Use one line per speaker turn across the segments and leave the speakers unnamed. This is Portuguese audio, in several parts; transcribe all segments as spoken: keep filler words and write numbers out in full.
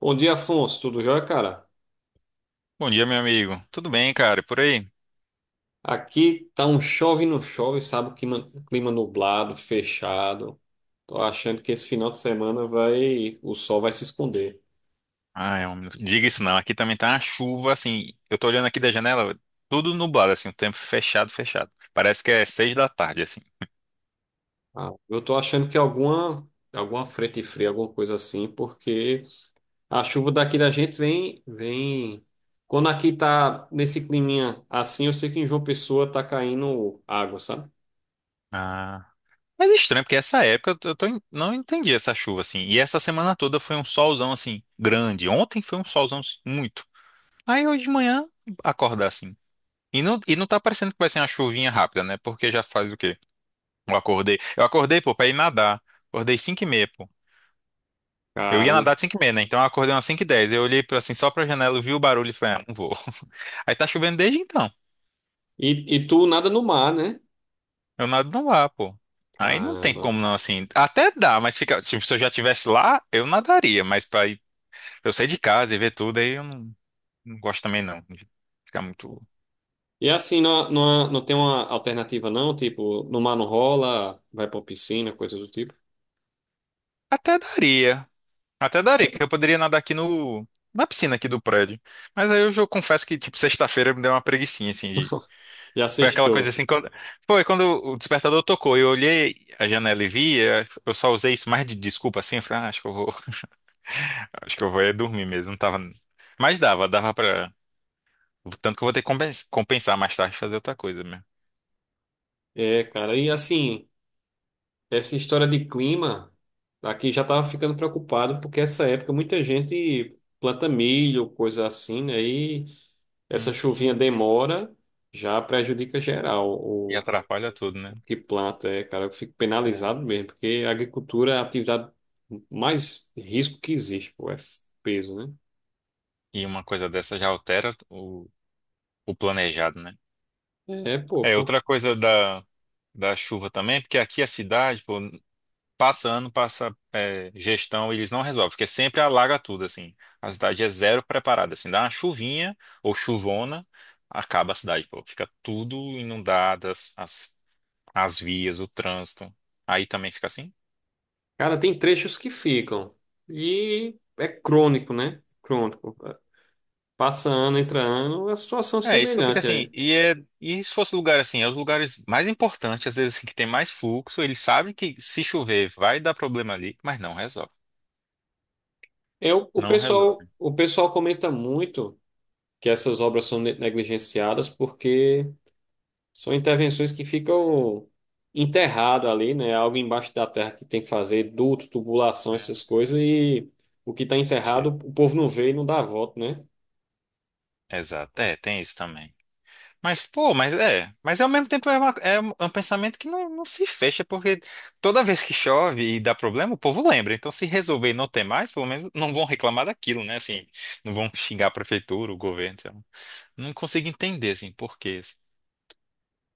Bom dia, Afonso. Tudo jóia, cara?
Bom dia, meu amigo. Tudo bem, cara? E por aí?
Aqui tá um chove e não chove, sabe? Clima, clima nublado, fechado. Tô achando que esse final de semana vai, o sol vai se esconder.
Ah, é um... minuto. Diga isso não. Aqui também tá uma chuva, assim. Eu tô olhando aqui da janela, tudo nublado, assim, o tempo fechado, fechado. Parece que é seis da tarde, assim.
Ah, eu tô achando que alguma, alguma frente fria, alguma coisa assim, porque a chuva daqui da gente vem, vem. Quando aqui tá nesse climinha assim, eu sei que em João Pessoa tá caindo água, sabe?
Ah. Mas é estranho, porque essa época eu tô... eu tô en- não entendi essa chuva, assim. E essa semana toda foi um solzão, assim, grande. Ontem foi um solzão, assim, muito. Aí hoje de manhã, acordar, assim. E não... e não tá parecendo que vai ser uma chuvinha rápida, né? Porque já faz o quê? Eu acordei. Eu acordei, pô, pra ir nadar. Acordei cinco e meia, pô. Eu ia
Caramba.
nadar de cinco e meia, né? Então eu acordei umas cinco e dez. Eu olhei pra, assim, só pra janela, eu vi o barulho e falei, ah, não vou. Aí tá chovendo desde então.
E, e tu nada no mar, né?
Eu nado não lá, pô. Aí não tem
Caramba.
como não, assim. Até dá, mas fica. Se se eu já estivesse lá, eu nadaria. Mas pra ir, eu sair de casa e ver tudo, aí eu não, não gosto também, não. De ficar muito.
E é assim, não, não, não tem uma alternativa não? Tipo, no mar não rola, vai pra piscina, coisa do tipo.
Até daria. Até daria, porque eu poderia nadar aqui no. Na piscina aqui do prédio. Mas aí eu, já confesso que, tipo, sexta-feira me deu uma preguicinha, assim, de
Já
foi aquela coisa
sextou.
assim, quando... Foi quando o despertador tocou, eu olhei a janela e vi, eu eu só usei isso mais de desculpa assim, eu falei, ah, acho que eu vou, acho que eu vou é dormir mesmo, não tava... Mas dava, dava pra... Tanto que eu vou ter que compens- compensar mais tarde, fazer outra coisa mesmo.
É, cara. E assim, essa história de clima, aqui já tava ficando preocupado, porque essa época muita gente planta milho, coisa assim, né? E essa chuvinha
Hum.
demora, já prejudica geral
E
o,
atrapalha tudo,
o
né?
que planta, é, cara. Eu fico
É.
penalizado mesmo, porque a agricultura é a atividade mais risco que existe, pô, é peso, né?
E uma coisa dessa já altera o, o planejado, né?
É, pô.
É, outra coisa da, da chuva também, porque aqui a cidade, pô, passa ano, passa é, gestão, eles não resolvem, porque sempre alaga tudo, assim. A cidade é zero preparada, assim, dá uma chuvinha ou chuvona, acaba a cidade, pô. Fica tudo inundado, as, as, as vias, o trânsito. Aí também fica assim.
Cara, tem trechos que ficam. E é crônico, né? Crônico. Passa ano, entra ano, é uma situação é
É, isso que eu fico
semelhante
assim.
aí.
E, é, e se fosse lugar assim, é os lugares mais importantes, às vezes, assim, que tem mais fluxo, eles sabem que se chover vai dar problema ali, mas não resolve.
Eu, o o
Não
pessoal,
resolve.
o pessoal comenta muito que essas obras são ne- negligenciadas porque são intervenções que ficam enterrado ali, né? Algo embaixo da terra que tem que fazer, duto, tubulação,
Né?
essas coisas, e o que está
Faz
enterrado,
sentido.
o povo não vê e não dá voto, né?
Exato. É, tem isso também. Mas, pô, mas é. Mas ao mesmo tempo é, uma- é um é um pensamento que não, não se fecha, porque toda vez que chove e dá problema, o povo lembra. Então, se resolver e não ter mais, pelo menos não vão reclamar daquilo, né? Assim, não vão xingar a prefeitura, o governo. Sei lá. Não consigo entender, assim, por quê. Assim.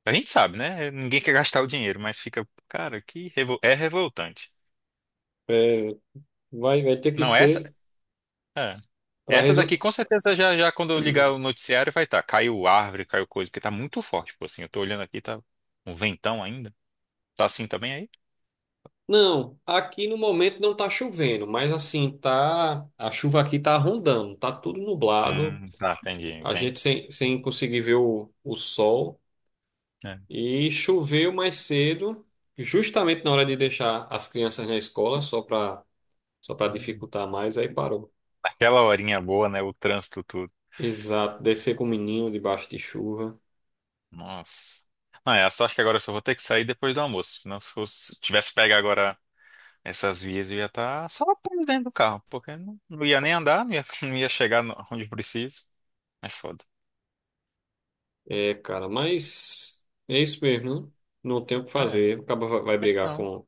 A gente sabe, né? Ninguém quer gastar o dinheiro, mas fica, cara, que revol- é revoltante.
É, vai, vai ter que
Não, essa.
ser
É.
para...
Essa daqui, com certeza, já, já quando eu ligar o noticiário, vai estar. Caiu árvore, caiu coisa, porque tá muito forte, pô, assim. Eu tô olhando aqui, tá um ventão ainda. Tá assim também aí?
Não, aqui no momento não tá chovendo, mas assim, tá, a chuva aqui tá rondando, tá tudo nublado,
Hum, tá, entendi,
a gente
entendi.
sem, sem conseguir ver o, o sol
É.
e choveu mais cedo, justamente na hora de deixar as crianças na escola, só para só para dificultar mais, aí parou.
Aquela horinha boa, né? O trânsito tudo.
Exato, descer com o menino debaixo de chuva.
Nossa. Não, é, só acho que agora eu só vou ter que sair depois do almoço. Senão se fosse- se tivesse pego agora essas vias, eu ia estar só preso dentro do carro. Porque não, não ia nem andar, não ia, não ia chegar no- onde preciso. É foda.
É, cara, mas é isso mesmo, né? Não tem o que
É,
fazer, o cara vai vai brigar
não.
com,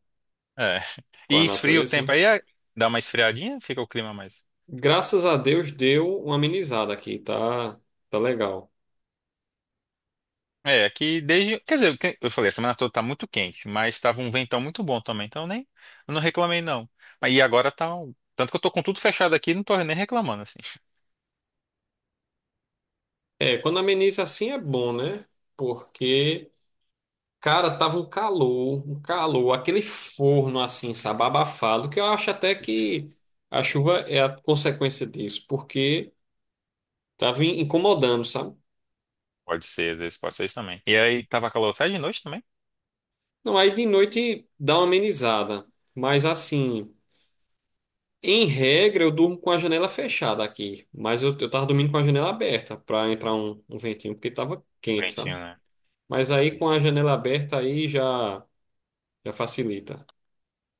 É.
com a
E esfria o
natureza, né?
tempo aí, é- dá uma esfriadinha, fica o clima mais.
Graças a Deus deu uma amenizada aqui, tá, tá legal.
É, aqui desde. Quer dizer, que- eu falei, a semana toda tá muito quente, mas tava um ventão muito bom também, então eu nem. Eu não reclamei, não. Mas E agora tá. um- Tanto que eu tô com tudo fechado aqui, não tô nem reclamando, assim.
É, quando ameniza assim é bom, né? Porque, cara, tava um calor, um calor, aquele forno assim, sabe, abafado, que eu acho até que a chuva é a consequência disso, porque tava in- incomodando, sabe?
Pode ser, às vezes pode ser isso também. E aí tava calor até de noite também?
Não, aí de noite dá uma amenizada, mas assim, em regra eu durmo com a janela fechada aqui, mas eu, eu tava dormindo com a janela aberta pra entrar um, um ventinho, porque tava quente, sabe?
Ventinho, né?
Mas aí com a
Isso.
janela aberta aí já, já facilita.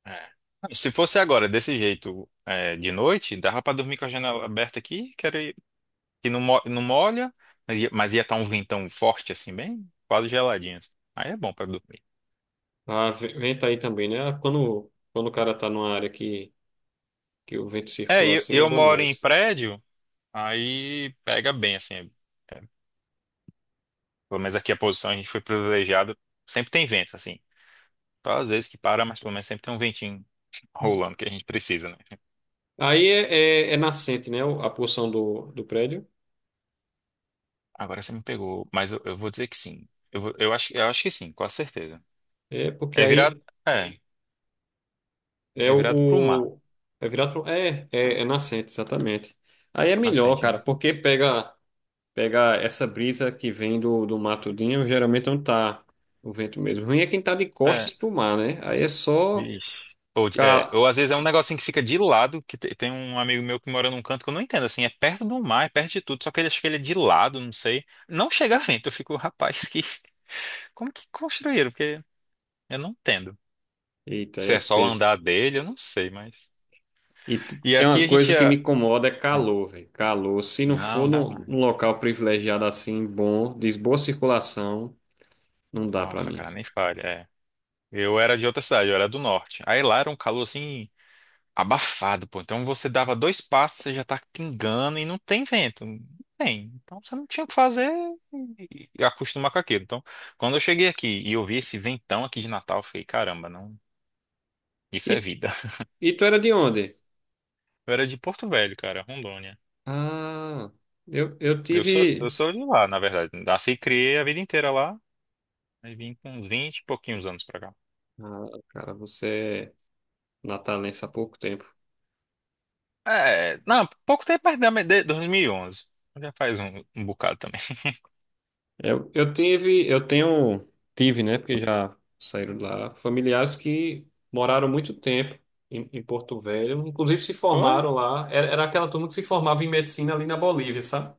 É. Não, se fosse agora, desse jeito, é, de noite, dava pra dormir com a janela aberta aqui, que, era, que não, mo- não molha, mas ia, mas ia tá um ventão forte, assim, bem quase geladinho. Assim. Aí é bom pra dormir.
Ah, ve- venta aí também, né? Ah, quando, quando o cara tá numa área que, que o vento
É,
circula
eu,
assim, é
eu
bom
moro em
demais.
prédio. Aí pega bem, assim. Pelo menos aqui a posição a gente foi privilegiado. Sempre tem vento, assim. Só às vezes que para, mas pelo menos sempre tem um ventinho rolando que a gente precisa, né?
Aí é, é, é nascente, né? o- A porção do, do prédio.
Agora você me pegou, mas eu, eu vou dizer que sim. Eu, vou- eu acho, eu acho que sim, com certeza.
É porque
É virado,
aí
é,
é
é virado pro mar,
o, o- é virado é, é é nascente, exatamente. Aí é melhor,
nascente,
cara,
né?
porque pega pega essa brisa que vem do, do matudinho, geralmente não tá o vento mesmo. Ruim é quem tá de
É,
costas pro mar, né? Aí é só...
vixe. Ou, de- é, ou às vezes é um negocinho que fica de lado, que te- tem um amigo meu que mora num canto que eu não entendo, assim, é perto do mar, é perto de tudo, só que ele acha que ele é de lado, não sei. Não chega vento, eu fico, rapaz, que, como que construíram? Porque eu não entendo.
Eita,
Se
é
é só o
peso.
andar dele, eu não sei, mas.
E t-
E
tem uma
aqui a gente
coisa que
ia.
me incomoda, é
Hum,
calor, velho. Calor. Se não for
Não, dá
num,
lá.
num local privilegiado assim, bom, de boa circulação, não dá pra
Nossa,
mim.
cara, nem falha. É. Eu era de outra cidade, eu era do norte. Aí lá era um calor assim, abafado, pô. Então você dava dois passos, você já tá pingando e não tem vento. Não tem. Então você não tinha o que fazer e e acostumar com aquilo. Então, quando eu cheguei aqui e eu vi esse ventão aqui de Natal, eu fiquei, caramba, não. Isso é
E,
vida.
e tu era de onde?
Eu era de Porto Velho, cara, Rondônia.
Ah, eu, eu
Eu sou,
tive.
eu sou de lá, na verdade. Nasci e criei a vida inteira lá. Aí vim com uns vinte e pouquinhos anos pra cá.
Ah, cara, você é natalense há pouco tempo.
É, não, pouco tempo, mas da- de dois mil e onze. Já faz um, um bocado também.
Eu, eu tive, eu tenho, tive, né? Porque já saíram de lá, familiares que moraram muito tempo em, em Porto Velho, inclusive se
Foi?
formaram lá. Era, era aquela turma que se formava em medicina ali na Bolívia, sabe?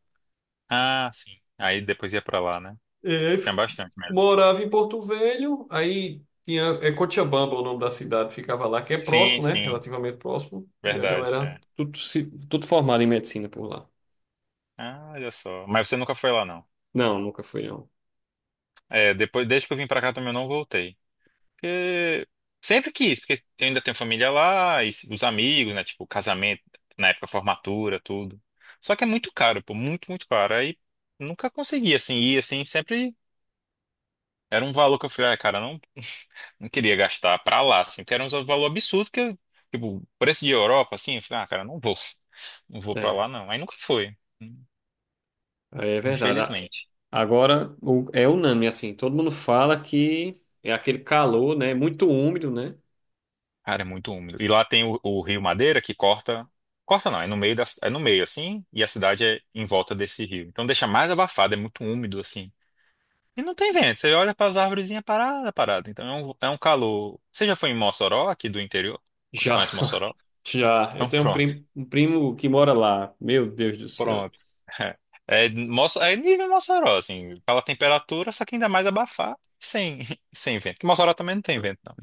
Ah, sim. Aí depois ia pra lá, né?
E aí
Tinha
f-
bastante medo.
morava em Porto Velho, aí tinha, é Cochabamba o nome da cidade, ficava lá, que é
Sim,
próximo, né?
sim.
Relativamente próximo. E a
Verdade,
galera,
é.
tudo, se, tudo formado em medicina por lá.
Ah, olha só. Mas você nunca foi lá, não.
Não, nunca fui, não.
É, depois, desde que eu vim pra cá também eu não voltei. Porque sempre quis, porque eu ainda tenho família lá, e os amigos, né? Tipo, casamento, na época formatura, tudo. Só que é muito caro, pô, muito, muito caro. Aí nunca consegui, assim, ir, assim, sempre era um valor que eu falei, ah, cara, eu não, não queria gastar pra lá, assim, porque era um valor absurdo que, eu, tipo, preço de Europa, assim, eu falei, ah, cara, não vou, não vou pra
É,
lá, não. Aí nunca foi,
aí é verdade. A-
infelizmente.
Agora o- é unânime, assim, todo mundo fala que é aquele calor, né? Muito úmido, né?
Cara, é muito úmido. E lá tem o, o Rio Madeira que corta, corta não, é no meio da, é no meio, assim, e a cidade é em volta desse rio. Então deixa mais abafado, é muito úmido, assim. E não tem vento, você olha para as arvorezinhas parada, é parada. Então é um, é um calor. Você já foi em Mossoró, aqui do interior? Você
Já,
conhece Mossoró?
já. Eu
Então
tenho um
pronto.
prim- um primo, que mora lá. Meu Deus do céu.
Pronto. É, Moça- é nível Mossoró, assim, pela temperatura, só que ainda mais abafado sem, sem vento. Que Mossoró também não tem vento, não.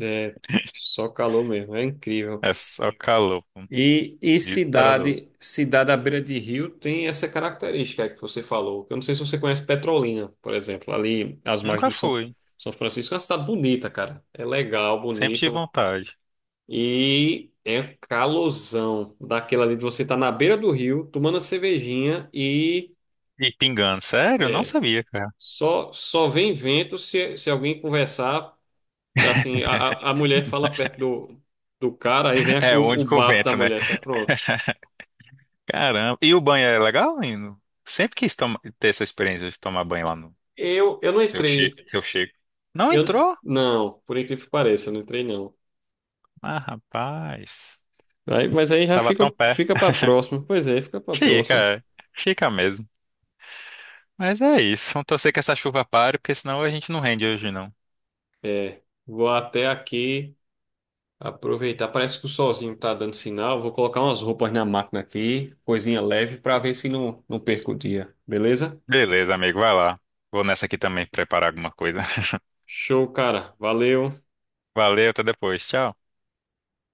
É só calor mesmo, é incrível.
É só calor, pô.
E, e
Desesperador.
cidade, cidade à beira de rio tem essa característica que você falou. Eu não sei se você conhece Petrolina, por exemplo, ali às margens
Nunca
do São,
fui,
São Francisco. É uma cidade bonita, cara. É legal,
sempre tive
bonito.
vontade.
E é um calorzão daquela ali de você estar na beira do rio, tomando a cervejinha e
E pingando, sério? Não
é,
sabia, cara.
só, só vem vento se, se alguém conversar. Assim, a, a a mulher fala perto do, do cara, aí vem a-
É, o
o, o
único
bafo da
vento, né?
mulher, sabe? Pronto.
Caramba. E o banho é legal, Lino? Sempre quis toma- ter essa experiência de tomar banho lá no
Eu, eu não
seu Chico.
entrei.
Seu Chico. Não
Eu
entrou?
não, por incrível que pareça, eu não entrei não.
Ah, rapaz.
Aí, mas aí já
Tava
fica
tão perto.
fica para próxima. Pois é, fica para
Fica,
próxima.
é. Fica mesmo. Mas é isso. Vamos torcer que essa chuva pare, porque senão a gente não rende hoje, não.
É, vou até aqui aproveitar. Parece que o solzinho tá dando sinal. Vou colocar umas roupas na máquina aqui, coisinha leve, para ver se não não perco o dia. Beleza?
Beleza, amigo, vai lá. Vou nessa aqui também preparar alguma coisa.
Show, cara. Valeu.
Valeu, até depois. Tchau.